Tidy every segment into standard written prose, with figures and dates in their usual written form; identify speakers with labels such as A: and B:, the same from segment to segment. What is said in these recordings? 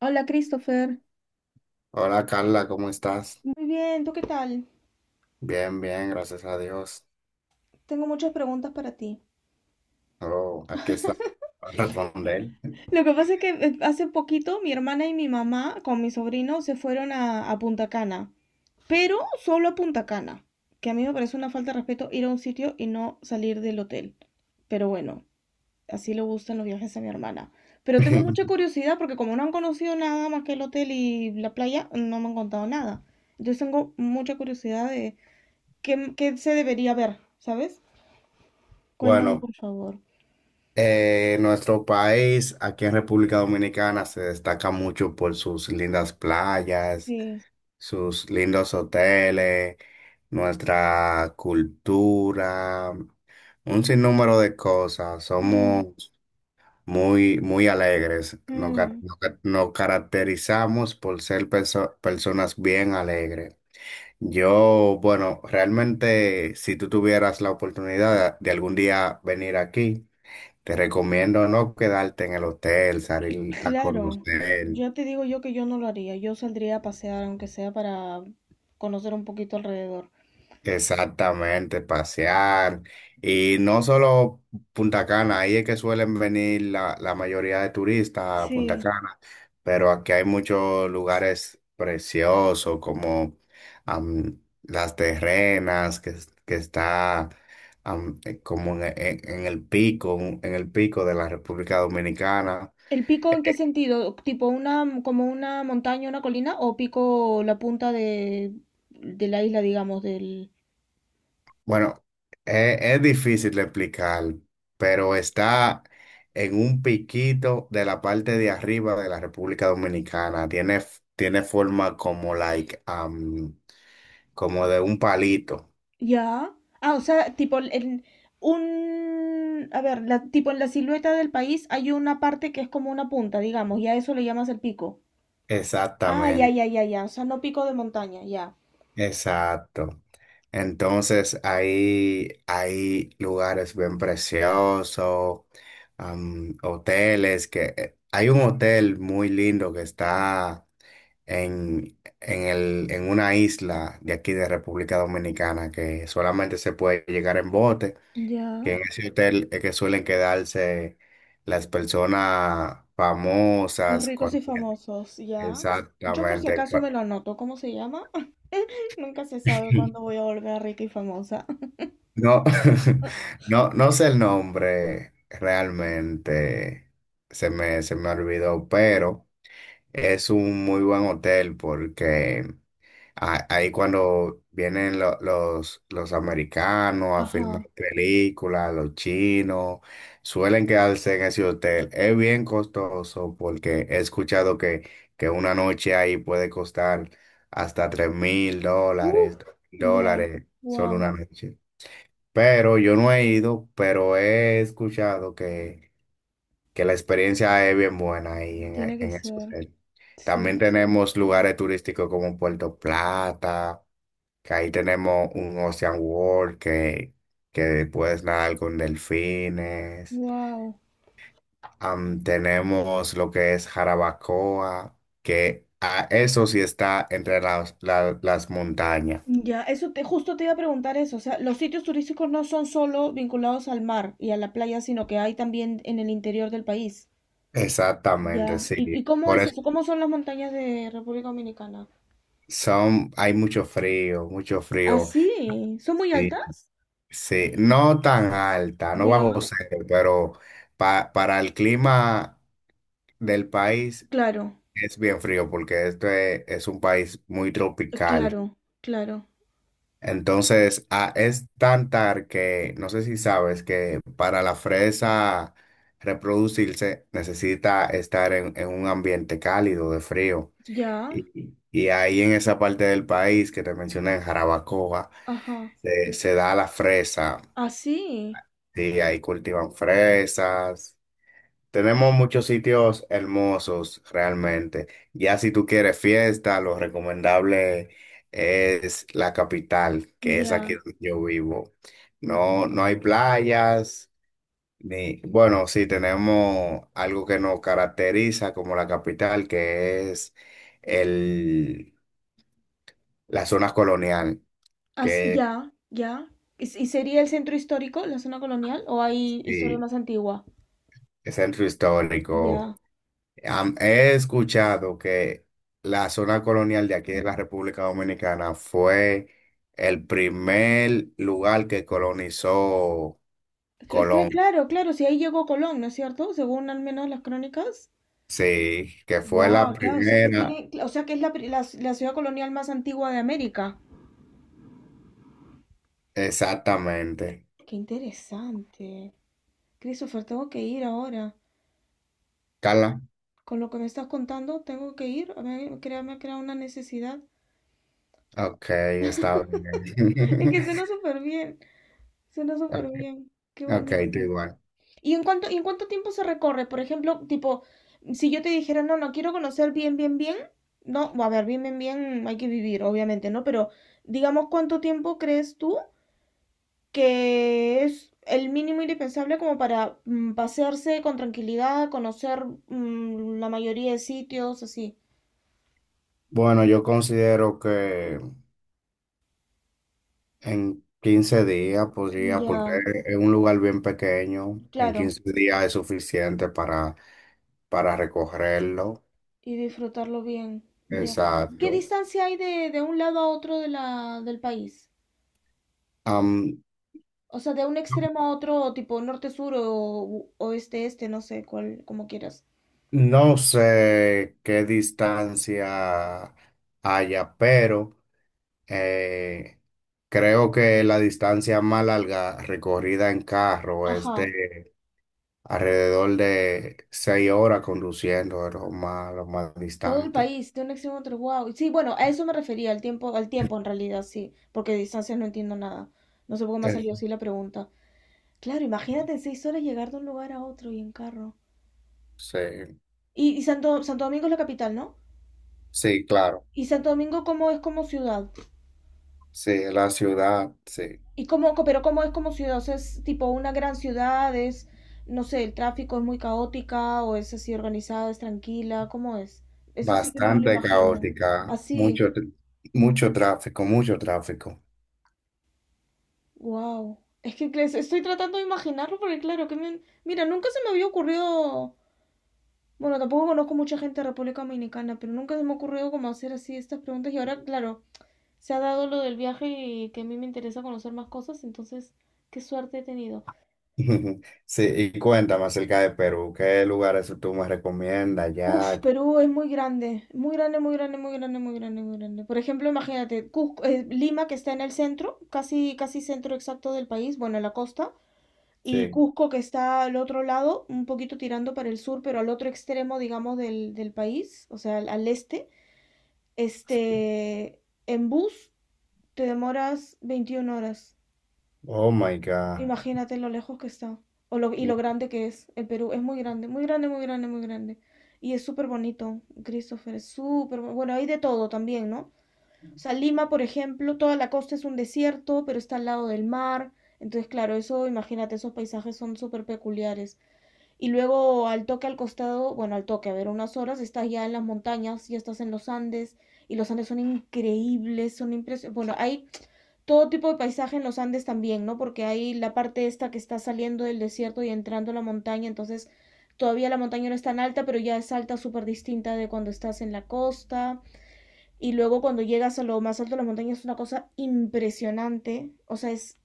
A: Hola, Christopher.
B: Hola Carla, ¿cómo estás?
A: Muy bien, ¿tú qué tal?
B: Bien, bien, gracias a Dios.
A: Tengo muchas preguntas para ti.
B: Oh, aquí está para responder.
A: Lo que pasa es que hace poquito mi hermana y mi mamá con mi sobrino se fueron a Punta Cana, pero solo a Punta Cana, que a mí me parece una falta de respeto ir a un sitio y no salir del hotel. Pero bueno, así le gustan los viajes a mi hermana. Pero tengo mucha curiosidad porque como no han conocido nada más que el hotel y la playa, no me han contado nada. Entonces tengo mucha curiosidad de qué se debería ver, ¿sabes? Cuéntame,
B: Bueno,
A: por favor.
B: nuestro país, aquí en República Dominicana, se destaca mucho por sus lindas playas,
A: Sí,
B: sus lindos hoteles, nuestra cultura, un sinnúmero de cosas.
A: mm,
B: Somos muy, muy alegres. Nos, ca-
A: mm,
B: nos ca- nos caracterizamos por ser personas bien alegres. Yo, bueno, realmente si tú tuvieras la oportunidad de algún día venir aquí, te recomiendo no quedarte en el hotel, salir a
A: claro.
B: conocer.
A: Yo te digo yo que yo no lo haría. Yo saldría a pasear, aunque sea para conocer un poquito alrededor.
B: Exactamente, pasear. Y no solo Punta Cana, ahí es que suelen venir la mayoría de turistas a Punta
A: Sí.
B: Cana, pero aquí hay muchos lugares preciosos como Las Terrenas, que está como en el pico de la República Dominicana.
A: ¿El pico en qué sentido? ¿Tipo una, como una montaña, una colina? ¿O pico la punta de la isla, digamos, del?
B: Bueno, es difícil de explicar, pero está en un piquito de la parte de arriba de la República Dominicana. Tiene, tiene forma como como de un palito.
A: Ya. Ah, o sea, tipo a ver, tipo en la silueta del país hay una parte que es como una punta, digamos, y a eso le llamas el pico. Ah, ya,
B: Exactamente,
A: ya, ya, ya. O sea, no pico de montaña, ya.
B: exacto. Entonces ahí hay lugares bien preciosos. Hoteles que hay un hotel muy lindo que está en una isla de aquí de República Dominicana que solamente se puede llegar en bote,
A: Ya,
B: que en ese hotel es que suelen quedarse las personas
A: los
B: famosas.
A: ricos y famosos, ya. Yo por si
B: Exactamente.
A: acaso me lo anoto, ¿cómo se llama? Nunca se sabe cuándo voy a volver rica y famosa.
B: No, no, no sé el nombre realmente, se me olvidó, pero... Es un muy buen hotel porque ahí cuando vienen los americanos a filmar
A: Ajá.
B: películas, los chinos, suelen quedarse en ese hotel. Es bien costoso porque he escuchado que una noche ahí puede costar hasta tres mil
A: Uf,
B: dólares, dos mil
A: ya,
B: dólares, solo
A: wow,
B: una noche. Pero yo no he ido, pero he escuchado que la experiencia es bien buena ahí
A: tiene que
B: en ese
A: ser,
B: hotel. También
A: sí,
B: tenemos lugares turísticos como Puerto Plata, que ahí tenemos un Ocean World que puedes nadar con delfines.
A: wow.
B: Tenemos lo que es Jarabacoa, que a eso sí está entre las montañas.
A: Ya, justo te iba a preguntar eso, o sea, los sitios turísticos no son solo vinculados al mar y a la playa, sino que hay también en el interior del país.
B: Exactamente,
A: Ya,
B: sí.
A: ¿y cómo
B: Por
A: es
B: eso
A: eso? ¿Cómo son las montañas de República Dominicana?
B: son, hay mucho frío, mucho
A: Ah,
B: frío.
A: sí, ¿son muy
B: Sí.
A: altas?
B: Sí, no tan alta, no bajo
A: Ya,
B: cero, pero para el clima del país
A: claro.
B: es bien frío porque este es un país muy tropical.
A: Claro, claro.
B: Entonces, ah, es tan tar que no sé si sabes que para la fresa reproducirse necesita estar en un ambiente cálido de frío.
A: Ya,
B: Y ahí en esa parte del país que te mencioné, en Jarabacoa,
A: ajá.
B: se da la fresa.
A: Así,
B: Sí, ahí cultivan fresas. Tenemos muchos sitios hermosos realmente. Ya si tú quieres fiesta, lo recomendable es la capital, que es aquí
A: ya.
B: donde yo vivo. No, no hay playas, ni, bueno, sí tenemos algo que nos caracteriza como la capital, que es el, la zona colonial, que
A: Ya, ya. ¿Y sería el centro histórico, la zona colonial, o hay historia
B: sí,
A: más antigua?
B: es centro histórico.
A: Ya.
B: He escuchado que la zona colonial de aquí de la República Dominicana fue el primer lugar que colonizó Colón.
A: Claro, claro, si ahí llegó Colón, ¿no es cierto? Según al menos las crónicas.
B: Sí, que fue
A: Wow,
B: la
A: claro, o sea que
B: primera.
A: tiene, o sea que es la, pri- la la ciudad colonial más antigua de América.
B: Exactamente.
A: Qué interesante. Christopher, tengo que ir ahora.
B: Carla.
A: Con lo que me estás contando, tengo que ir. A ver, me ha creado una necesidad.
B: Ok, está
A: Es
B: bien.
A: que suena súper bien. Suena súper bien, qué
B: Ok, tú
A: bonito.
B: igual.
A: ¿Y en cuánto tiempo se recorre? Por ejemplo, tipo, si yo te dijera, no, no, quiero conocer bien, bien, bien, no, a ver, bien, bien, bien, hay que vivir, obviamente, ¿no? Pero digamos, ¿cuánto tiempo crees tú que es el mínimo indispensable como para pasearse con tranquilidad, conocer la mayoría de sitios, así?
B: Bueno, yo considero que en 15 días podría, porque
A: Ya,
B: es un lugar bien pequeño, en
A: claro,
B: 15 días es suficiente para recogerlo.
A: y disfrutarlo bien, ya. ¿Qué
B: Exacto.
A: distancia hay de un lado a otro de del país?
B: Am,
A: O sea, de un
B: No,
A: extremo a otro, tipo norte-sur o oeste-este, no sé cuál, como quieras.
B: no sé qué distancia haya, pero eh, creo que la distancia más larga recorrida en carro es
A: Ajá,
B: de alrededor de 6 horas conduciendo, es lo más
A: todo el
B: distante.
A: país, de un extremo a otro, wow. Sí, bueno, a eso me refería, al tiempo en realidad, sí, porque de distancias no entiendo nada. No sé por qué me ha
B: Eh,
A: salido así la pregunta. Claro, imagínate en 6 horas llegar de un lugar a otro y en carro.
B: Sí,
A: Y Santo Domingo es la capital, ¿no?
B: sí, claro.
A: ¿Y Santo Domingo cómo es como ciudad?
B: Sí, la ciudad, sí.
A: ¿Pero cómo es como ciudad? O sea, es tipo una gran ciudad, es, no sé, el tráfico es muy caótica o es así organizada, es tranquila, ¿cómo es? Eso sí que no me lo
B: Bastante
A: imagino.
B: caótica,
A: Así,
B: mucho, mucho tráfico, mucho tráfico.
A: wow. Es que claro, estoy tratando de imaginarlo porque claro, mira, nunca se me había ocurrido, bueno, tampoco conozco mucha gente de República Dominicana, pero nunca se me ha ocurrido como hacer así estas preguntas y ahora, claro, se ha dado lo del viaje y que a mí me interesa conocer más cosas, entonces, qué suerte he tenido.
B: Sí, y cuéntame acerca de Perú, ¿qué lugares tú me recomiendas
A: Uf,
B: ya?
A: Perú es muy grande, muy grande, muy grande, muy grande, muy grande, muy grande. Por ejemplo, imagínate, Lima que está en el centro, casi, casi centro exacto del país, bueno, en la costa, y
B: Sí,
A: Cusco que está al otro lado, un poquito tirando para el sur, pero al otro extremo, digamos, del país, o sea, al este. Este, en bus te demoras 21 horas.
B: oh my God.
A: Imagínate lo lejos que está o lo, y lo grande que es el Perú. Es muy grande, muy grande, muy grande, muy grande. Y es súper bonito, Christopher, es súper bueno. Hay de todo también, ¿no? O sea, Lima, por ejemplo, toda la costa es un desierto, pero está al lado del mar. Entonces, claro, eso, imagínate, esos paisajes son súper peculiares. Y luego al toque al costado, bueno, al toque, a ver, unas horas, estás ya en las montañas, ya estás en los Andes, y los Andes son increíbles, son impresionantes. Bueno, hay todo tipo de paisaje en los Andes también, ¿no? Porque hay la parte esta que está saliendo del desierto y entrando a la montaña, entonces todavía la montaña no es tan alta, pero ya es alta, súper distinta de cuando estás en la costa. Y luego cuando llegas a lo más alto de la montaña es una cosa impresionante, o sea,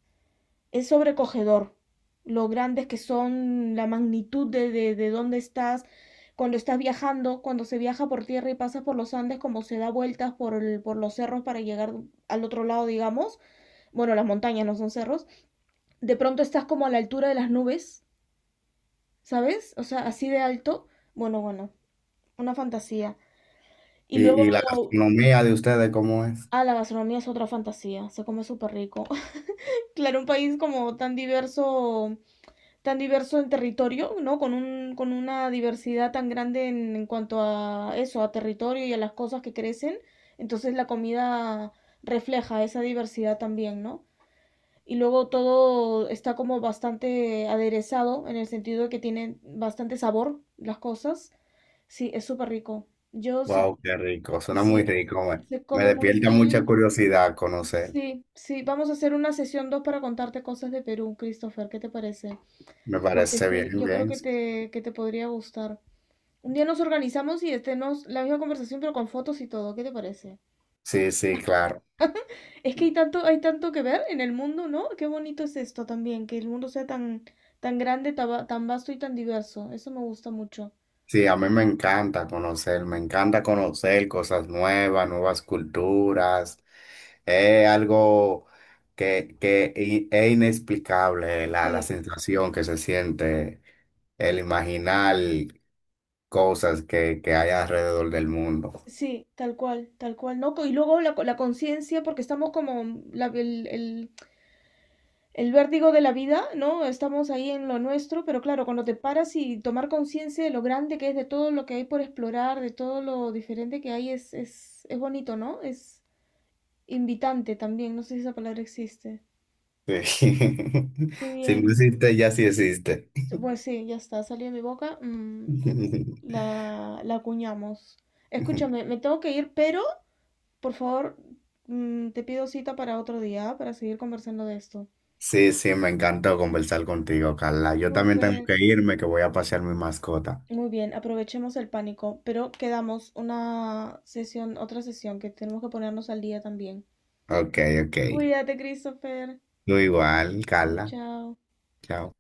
A: es sobrecogedor lo grandes que son, la magnitud de dónde estás. Cuando estás viajando, cuando se viaja por tierra y pasas por los Andes, como se da vueltas por los cerros para llegar al otro lado, digamos, bueno, las montañas no son cerros, de pronto estás como a la altura de las nubes, ¿sabes? O sea, así de alto. Bueno, bueno, una fantasía. Y
B: Y la
A: luego,
B: gastronomía de ustedes cómo es?
A: ah, la gastronomía es otra fantasía, se come súper rico. Claro, un país como tan diverso en territorio, ¿no? Con un, con una diversidad tan grande en cuanto a eso, a territorio y a las cosas que crecen. Entonces la comida refleja esa diversidad también, ¿no? Y luego todo está como bastante aderezado en el sentido de que tiene bastante sabor las cosas. Sí, es súper rico. Yo sí,
B: Wow, qué rico, suena muy
A: sí,
B: rico, me,
A: se
B: me
A: come muy
B: despierta mucha
A: bien.
B: curiosidad conocer,
A: Sí, sí, vamos a hacer una sesión 2 para contarte cosas de Perú, Christopher, ¿qué te parece?
B: me
A: Porque
B: parece bien,
A: sí, yo creo
B: bien.
A: que te podría gustar. Un día nos organizamos y tenemos la misma conversación pero con fotos y todo, ¿qué te parece?
B: Sí, sí, claro.
A: Es que hay tanto que ver en el mundo, ¿no? Qué bonito es esto también, que el mundo sea tan, tan grande, tan vasto y tan diverso. Eso me gusta mucho.
B: Sí, a mí me encanta conocer cosas nuevas, nuevas culturas. Es algo que es inexplicable la
A: Sí,
B: sensación que se siente el imaginar cosas que hay alrededor del mundo.
A: sí, tal cual, ¿no? Y luego la conciencia, porque estamos como la- el, el, el vértigo de la vida, ¿no? Estamos ahí en lo nuestro, pero claro, cuando te paras y tomar conciencia de lo grande que es, de todo lo que hay por explorar, de todo lo diferente que hay, es, es bonito, ¿no? Es invitante también, no sé si esa palabra existe.
B: Sí.
A: Qué
B: Si no
A: bien.
B: existe, ya sí existe.
A: Pues sí, ya está, salió de mi boca. La acuñamos. Escúchame, me tengo que ir, pero por favor, te pido cita para otro día, ¿ah? Para seguir conversando de esto.
B: Sí, sí, me encantó conversar contigo, Carla. Yo también tengo
A: Súper.
B: que irme, que voy a pasear mi mascota.
A: Muy bien, aprovechemos el pánico, pero quedamos una sesión, otra sesión que tenemos que ponernos al día también.
B: Ok, ok.
A: Cuídate, Christopher.
B: Tú igual,
A: Chao,
B: Carla.
A: chao.
B: Chao.